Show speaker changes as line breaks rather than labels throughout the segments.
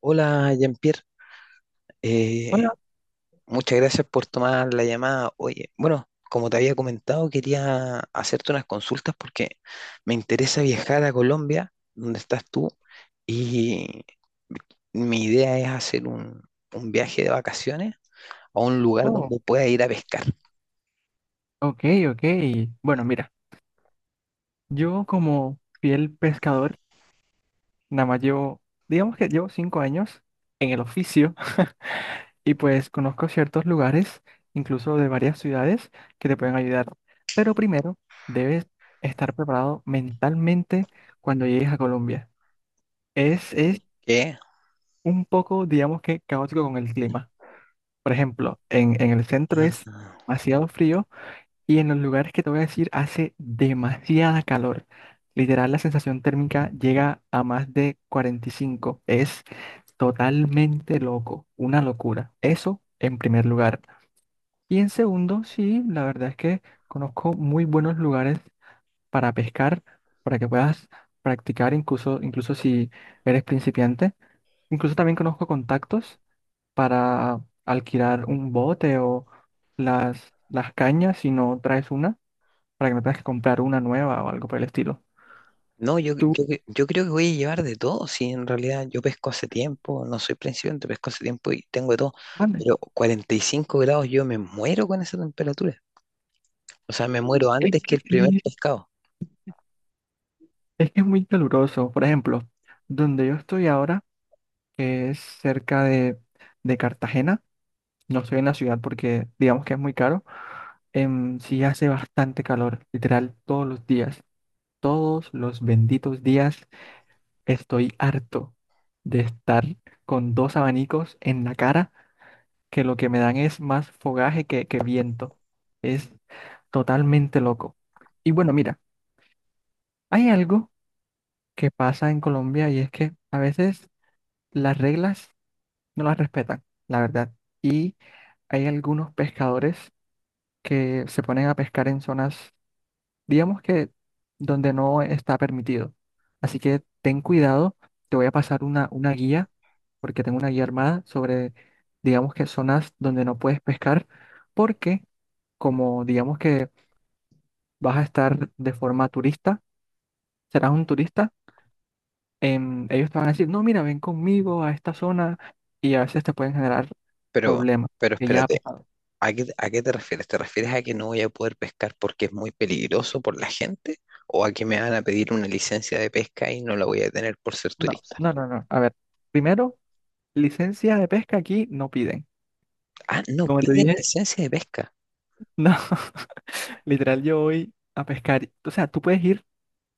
Hola, Jean-Pierre. Eh,
Hola.
muchas gracias por tomar la llamada. Oye, bueno, como te había comentado, quería hacerte unas consultas porque me interesa viajar a Colombia, donde estás tú, y mi idea es hacer un viaje de vacaciones a un lugar
Oh,
donde pueda ir a pescar.
ok, ok. Bueno, mira, yo como fiel pescador, nada más llevo, digamos que llevo cinco años en el oficio y pues conozco ciertos lugares, incluso de varias ciudades, que te pueden ayudar. Pero primero, debes estar preparado mentalmente cuando llegues a Colombia. Es
¿Qué?
un poco, digamos que, caótico con el clima. Por ejemplo, en el centro es demasiado frío. Y en los lugares que te voy a decir hace demasiada calor. Literal, la sensación térmica llega a más de 45. Es totalmente loco, una locura. Eso en primer lugar. Y en segundo, sí, la verdad es que conozco muy buenos lugares para pescar, para que puedas practicar incluso si eres principiante. Incluso también conozco contactos para alquilar un bote o las cañas si no traes una para que no tengas que comprar una nueva o algo por el estilo.
No, yo,
Tú,
yo, yo creo que voy a llevar de todo, si en realidad yo pesco hace tiempo, no soy principiante, pesco hace tiempo y tengo de todo,
vale.
pero 45 grados yo me muero con esa temperatura. O sea, me
Es
muero
es
antes que
que
el primer
sí,
pescado.
es que es muy caluroso. Por ejemplo, donde yo estoy ahora, que es cerca de Cartagena, no estoy en la ciudad porque digamos que es muy caro. Sí hace bastante calor, literal, todos los días. Todos los benditos días estoy harto de estar con dos abanicos en la cara que lo que me dan es más fogaje que viento. Es totalmente loco. Y bueno, mira, hay algo que pasa en Colombia y es que a veces las reglas no las respetan, la verdad. Y hay algunos pescadores que se ponen a pescar en zonas digamos que donde no está permitido. Así que ten cuidado, te voy a pasar una guía, porque tengo una guía armada sobre, digamos que zonas donde no puedes pescar, porque como digamos que vas a estar de forma turista, serás un turista, ellos te van a decir, no, mira, ven conmigo a esta zona y a veces te pueden generar
Pero,
problemas,
pero
que ya ha
espérate,
pasado.
¿a qué te refieres? ¿Te refieres a que no voy a poder pescar porque es muy peligroso por la gente? ¿O a que me van a pedir una licencia de pesca y no la voy a tener por ser
No,
turista?
no, no, no. A ver, primero, licencia de pesca aquí no piden.
Ah, no,
Como te
piden
dije,
licencia de pesca.
no. Literal, yo voy a pescar. O sea, tú puedes ir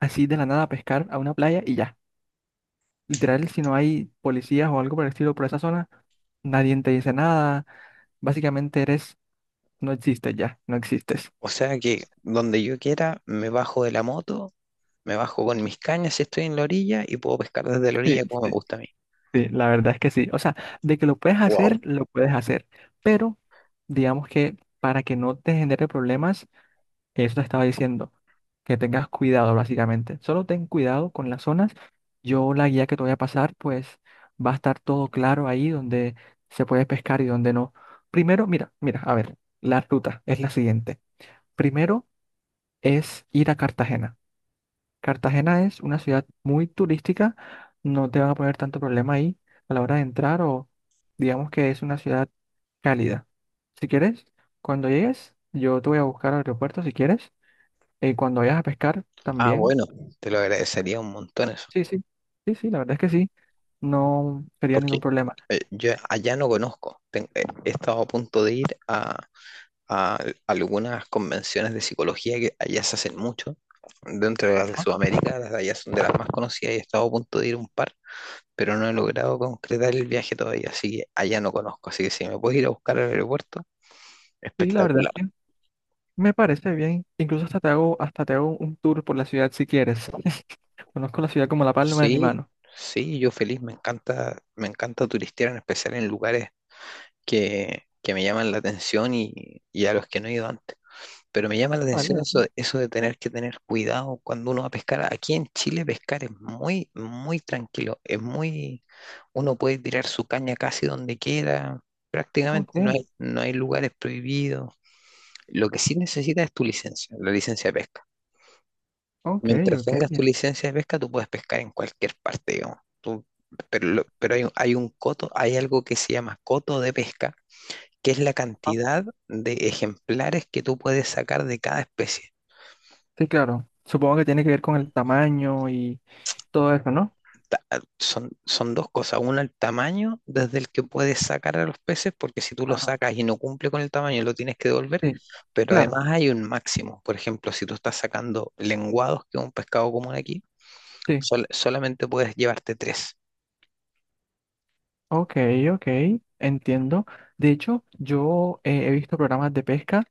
así de la nada a pescar a una playa y ya. Literal, si no hay policías o algo por el estilo por esa zona, nadie te dice nada. Básicamente eres, no existes ya, no existes.
O sea que donde yo quiera, me bajo de la moto, me bajo con mis cañas si estoy en la orilla y puedo pescar desde la orilla
Sí,
como me gusta a mí.
sí, la verdad es que sí. O sea, de que lo puedes
Wow.
hacer, lo puedes hacer. Pero digamos que para que no te genere problemas, eso te estaba diciendo, que tengas cuidado básicamente. Solo ten cuidado con las zonas. Yo la guía que te voy a pasar, pues va a estar todo claro ahí donde se puede pescar y donde no. Primero, mira, mira, a ver, la ruta es la siguiente. Primero es ir a Cartagena. Cartagena es una ciudad muy turística, no te van a poner tanto problema ahí a la hora de entrar o digamos que es una ciudad cálida. Si quieres, cuando llegues, yo te voy a buscar al aeropuerto si quieres cuando vayas a pescar
Ah,
también.
bueno, te lo agradecería un montón eso.
Sí, sí. Sí, sí, la verdad es que sí. No sería
Porque
ningún problema.
yo allá no conozco. He estado a punto de ir a algunas convenciones de psicología que allá se hacen mucho. Dentro de las de
Ajá.
Sudamérica, las de allá son de las más conocidas y he estado a punto de ir a un par, pero no he logrado concretar el viaje todavía, así que allá no conozco. Así que si me puedes ir a buscar al aeropuerto,
Sí, la verdad,
espectacular.
sí. Me parece bien. Incluso hasta te hago un tour por la ciudad si quieres. Conozco la ciudad como la palma de mi
Sí,
mano.
sí, yo feliz, me encanta turistear, en especial en lugares que me llaman la atención y a los que no he ido antes. Pero me llama la atención
Vale.
eso, eso de tener que tener cuidado cuando uno va a pescar. Aquí en Chile pescar es muy, muy tranquilo. Uno puede tirar su caña casi donde quiera. Prácticamente no hay,
Ok,
no hay lugares prohibidos. Lo que sí necesitas es tu licencia, la licencia de pesca.
ok,
Mientras
ok,
tengas
bien.
tu licencia de pesca, tú puedes pescar en cualquier parte, digamos. Pero hay, hay un coto, hay algo que se llama coto de pesca, que es la
Ajá.
cantidad de ejemplares que tú puedes sacar de cada especie.
Sí, claro. Supongo que tiene que ver con el tamaño y todo eso, ¿no?
ta- son dos cosas. Una, el tamaño desde el que puedes sacar a los peces, porque si tú lo
Ajá.
sacas y no cumple con el tamaño, lo tienes que devolver.
Sí,
Pero
claro.
además hay un máximo. Por ejemplo, si tú estás sacando lenguados, que es un pescado común aquí,
Sí.
solamente puedes llevarte tres.
Ok, ok. Entiendo. De hecho, yo he visto programas de pesca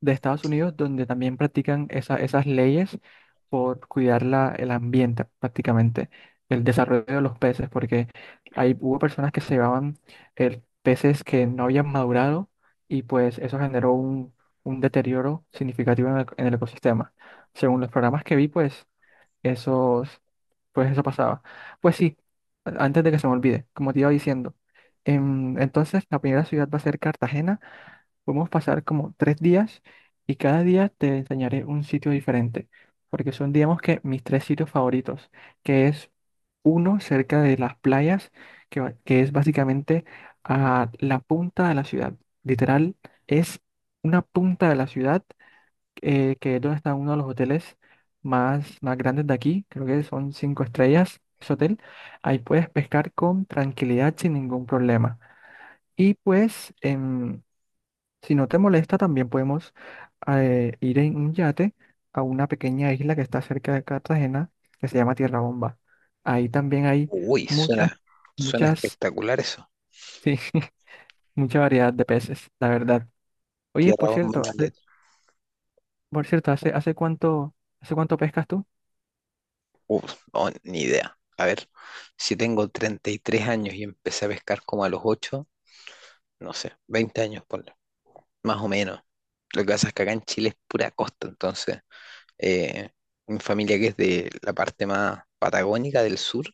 de Estados Unidos, donde también practican esas leyes por cuidar el ambiente prácticamente, el desarrollo de los peces, porque ahí hubo personas que se llevaban peces que no habían madurado y pues eso generó un deterioro significativo en en el ecosistema. Según los programas que vi, pues, esos, pues eso pasaba. Pues sí, antes de que se me olvide, como te iba diciendo, entonces la primera ciudad va a ser Cartagena. Podemos pasar como tres días y cada día te enseñaré un sitio diferente, porque son, digamos que, mis tres sitios favoritos, que es uno cerca de las playas, que es básicamente a la punta de la ciudad. Literal, es una punta de la ciudad, que es donde está uno de los hoteles más grandes de aquí, creo que son cinco estrellas ese hotel. Ahí puedes pescar con tranquilidad sin ningún problema. Y pues si no te molesta, también podemos ir en un yate a una pequeña isla que está cerca de Cartagena, que se llama Tierra Bomba. Ahí también hay
Uy,
muchas,
suena
muchas,
espectacular eso.
sí, mucha variedad de peces, la verdad. Oye, por
Tierra bomba en
cierto,
un
hace-
yate.
por cierto, ¿hace, hace cuánto, hace cuánto pescas tú?
Uf, no, ni idea. A ver, si tengo 33 años y empecé a pescar como a los 8 no sé, 20 años, por más o menos. Lo que pasa es que acá en Chile es pura costa, entonces eh, mi familia que es de la parte más patagónica del sur,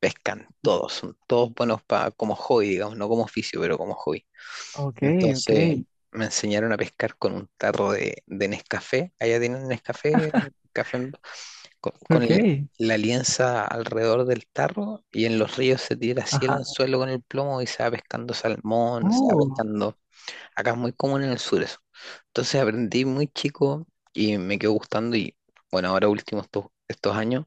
pescan todos, son todos buenos como hobby, digamos, no como oficio, pero como hobby.
Ok, ok,
Entonces me enseñaron a pescar con un tarro de Nescafé, allá tienen Nescafé, café en- con, con
ok,
el- la lienza alrededor del tarro y en los ríos se tira así el
ajá.
anzuelo con el plomo y se va pescando salmón, se va
Oh,
pescando. Acá es muy común en el sur eso. Entonces aprendí muy chico y me quedó gustando y bueno, ahora últimos estos años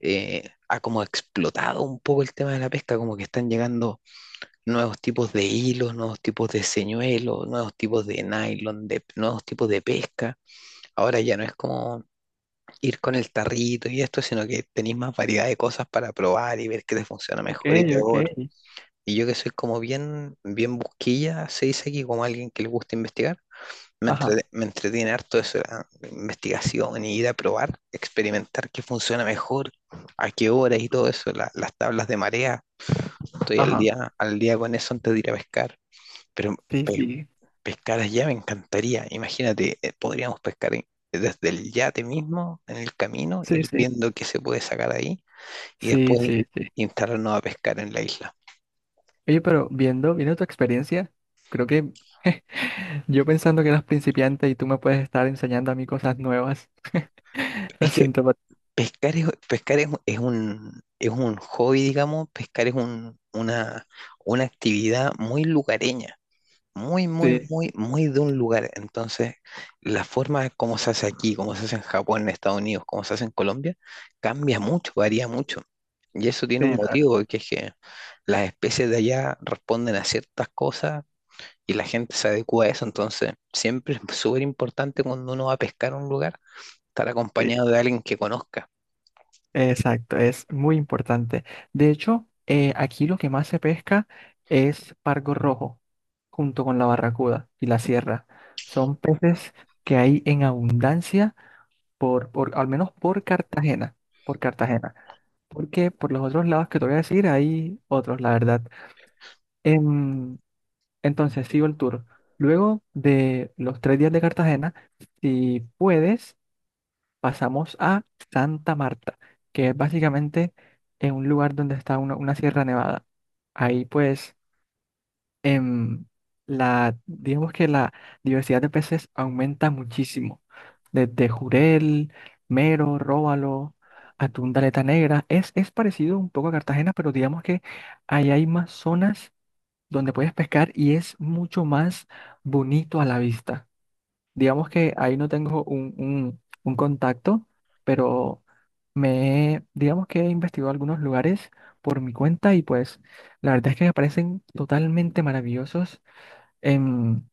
ha como explotado un poco el tema de la pesca, como que están llegando nuevos tipos de hilos, nuevos tipos de señuelos, nuevos tipos de nylon, nuevos tipos de pesca. Ahora ya no es como ir con el tarrito y esto, sino que tenéis más variedad de cosas para probar y ver qué te funciona
ok,
mejor y
ok,
peor. Y yo que soy como bien, bien busquilla, se dice aquí como alguien que le gusta investigar.
ajá,
Me entretiene harto eso, la investigación, y ir a probar, experimentar qué funciona mejor, a qué horas y todo eso, las tablas de marea. Estoy
ajá,
al día con eso antes de ir a pescar. Pero
sí,
pe-
sí,
pescar allá me encantaría. Imagínate, podríamos pescar desde el yate mismo, en el camino,
sí,
ir
sí,
viendo qué se puede sacar ahí y
sí,
después
sí, sí.
instalarnos a pescar en la isla.
Oye, pero viendo tu experiencia, creo que yo pensando que eras principiante y tú me puedes estar enseñando a mí cosas nuevas. Lo
Es que
siento,
pescar es, es un hobby, digamos, pescar es una actividad muy lugareña, muy, muy,
sí,
muy, muy de un lugar. Entonces, la forma como se hace aquí, como se hace en Japón, en Estados Unidos, como se hace en Colombia, cambia mucho, varía mucho. Y eso tiene un
sí,
motivo, que es que las especies de allá responden a ciertas cosas y la gente se adecua a eso. Entonces, siempre es súper importante cuando uno va a pescar a un lugar, estar
sí.
acompañado de alguien que conozca.
Exacto, es muy importante. De hecho, aquí lo que más se pesca es pargo rojo, junto con la barracuda y la sierra. Son peces que hay en abundancia, al menos por Cartagena, por Cartagena. Porque por los otros lados que te voy a decir, hay otros, la verdad. Em, entonces, sigo el tour. Luego de los tres días de Cartagena, si puedes, pasamos a Santa Marta, que es básicamente en un lugar donde está una sierra nevada. Ahí pues, em, digamos que la diversidad de peces aumenta muchísimo. Desde jurel, mero, róbalo, atún de aleta negra. Es parecido un poco a Cartagena, pero digamos que ahí hay más zonas donde puedes pescar y es mucho más bonito a la vista. Digamos que ahí no tengo un contacto, pero digamos que he investigado algunos lugares por mi cuenta y pues la verdad es que me parecen totalmente maravillosos. en-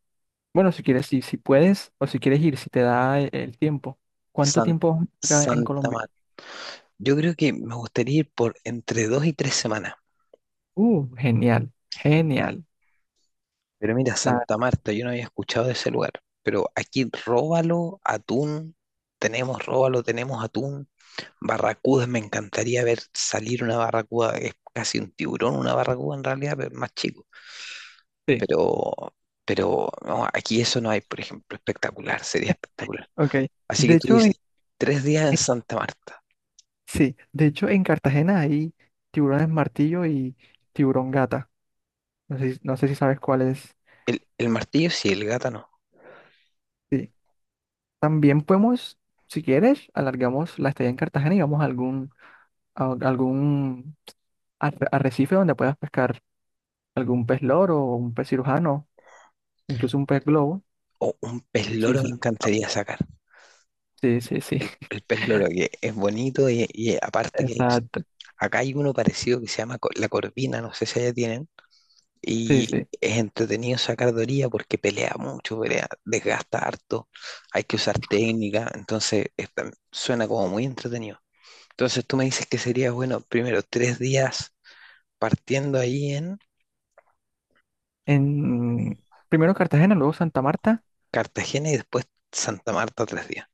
bueno, si quieres, si puedes o si quieres ir, si te da el tiempo. ¿Cuánto
San-
tiempo vas a estar acá en
Santa
Colombia?
Marta. Yo creo que me gustaría ir por entre 2 y 3 semanas.
Genial, genial.
Pero mira,
La,
Santa Marta, yo no había escuchado de ese lugar. Pero aquí róbalo, atún, tenemos róbalo, tenemos atún. Barracudas, me encantaría ver salir una barracuda, es casi un tiburón, una barracuda en realidad, pero más chico.
sí,
Pero, pero no, aquí eso no hay, por ejemplo, espectacular, sería espectacular.
ok.
Así
De
que tú
hecho,
dices, 3 días en Santa Marta.
sí, de hecho en Cartagena hay tiburones martillo y tiburón gata. No sé, no sé si sabes cuál es.
El martillo sí, el gata no.
Sí. También podemos, si quieres, alargamos la estadía en Cartagena y vamos a algún arrecife donde puedas pescar algún pez loro o un pez cirujano, incluso un pez globo.
O un pez
Sí,
loro
sí,
me
lo encontramos.
encantaría sacar.
Sí, sí, sí.
El, el pez loro que es bonito y aparte que
Exacto.
acá hay uno parecido que se llama la corvina, no sé si allá tienen.
Sí,
Y
sí.
es entretenido sacar de orilla porque pelea mucho, pelea, desgasta harto, hay que usar técnica, entonces es suena como muy entretenido. Entonces tú me dices que sería bueno primero 3 días partiendo ahí en
En, primero Cartagena, luego Santa Marta.
Cartagena y después Santa Marta 3 días.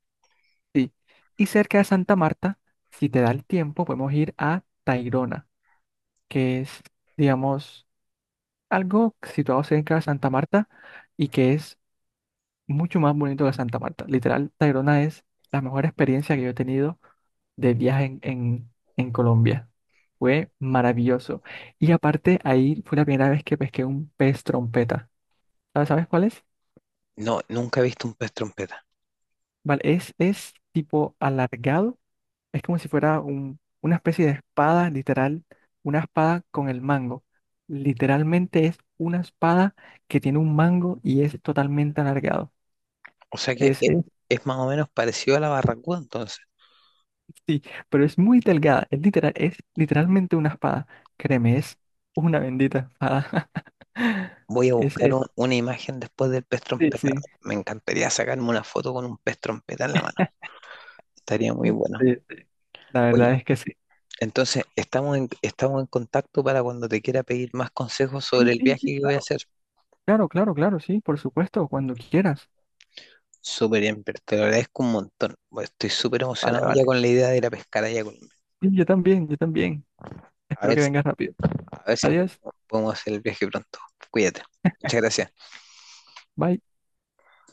Sí. Y cerca de Santa Marta, si te da el tiempo, podemos ir a Tayrona. Que es, digamos, algo situado cerca de Santa Marta y que es mucho más bonito que Santa Marta. Literal, Tayrona es la mejor experiencia que yo he tenido de viaje en Colombia. Fue maravilloso. Y aparte, ahí fue la primera vez que pesqué un pez trompeta. ¿ sabes cuál es?
No, nunca he visto un pez trompeta.
Vale, es tipo alargado. Es como si fuera una especie de espada, literal, una espada con el mango. Literalmente es una espada que tiene un mango y es totalmente alargado.
O sea que
Es, es-
es más o menos parecido a la barracuda, entonces.
sí, pero es muy delgada. Es literal, es literalmente una espada. Créeme, es una bendita espada.
Voy a
Es
buscar
eso.
una imagen después del pez
Sí,
trompeta.
sí.
Me encantaría sacarme una foto con un pez trompeta en la mano. Estaría muy
Sí,
bueno.
sí, la
Oye,
verdad es que sí.
entonces estamos en contacto para cuando te quiera pedir más consejos
Sí,
sobre el
sí,
viaje
sí,
que voy a
claro.
hacer.
Claro, claro, claro, sí, por supuesto, cuando quieras.
Súper bien, pero te lo agradezco un montón. Bueno, estoy súper
Vale,
emocionado ya
vale.
con la idea de ir a pescar allá.
Sí, yo también, yo también.
A
Espero
ver,
que
si-
vengas rápido.
a ver si
Adiós.
podemos hacer el viaje pronto. Cuídate. Muchas gracias.
Bye.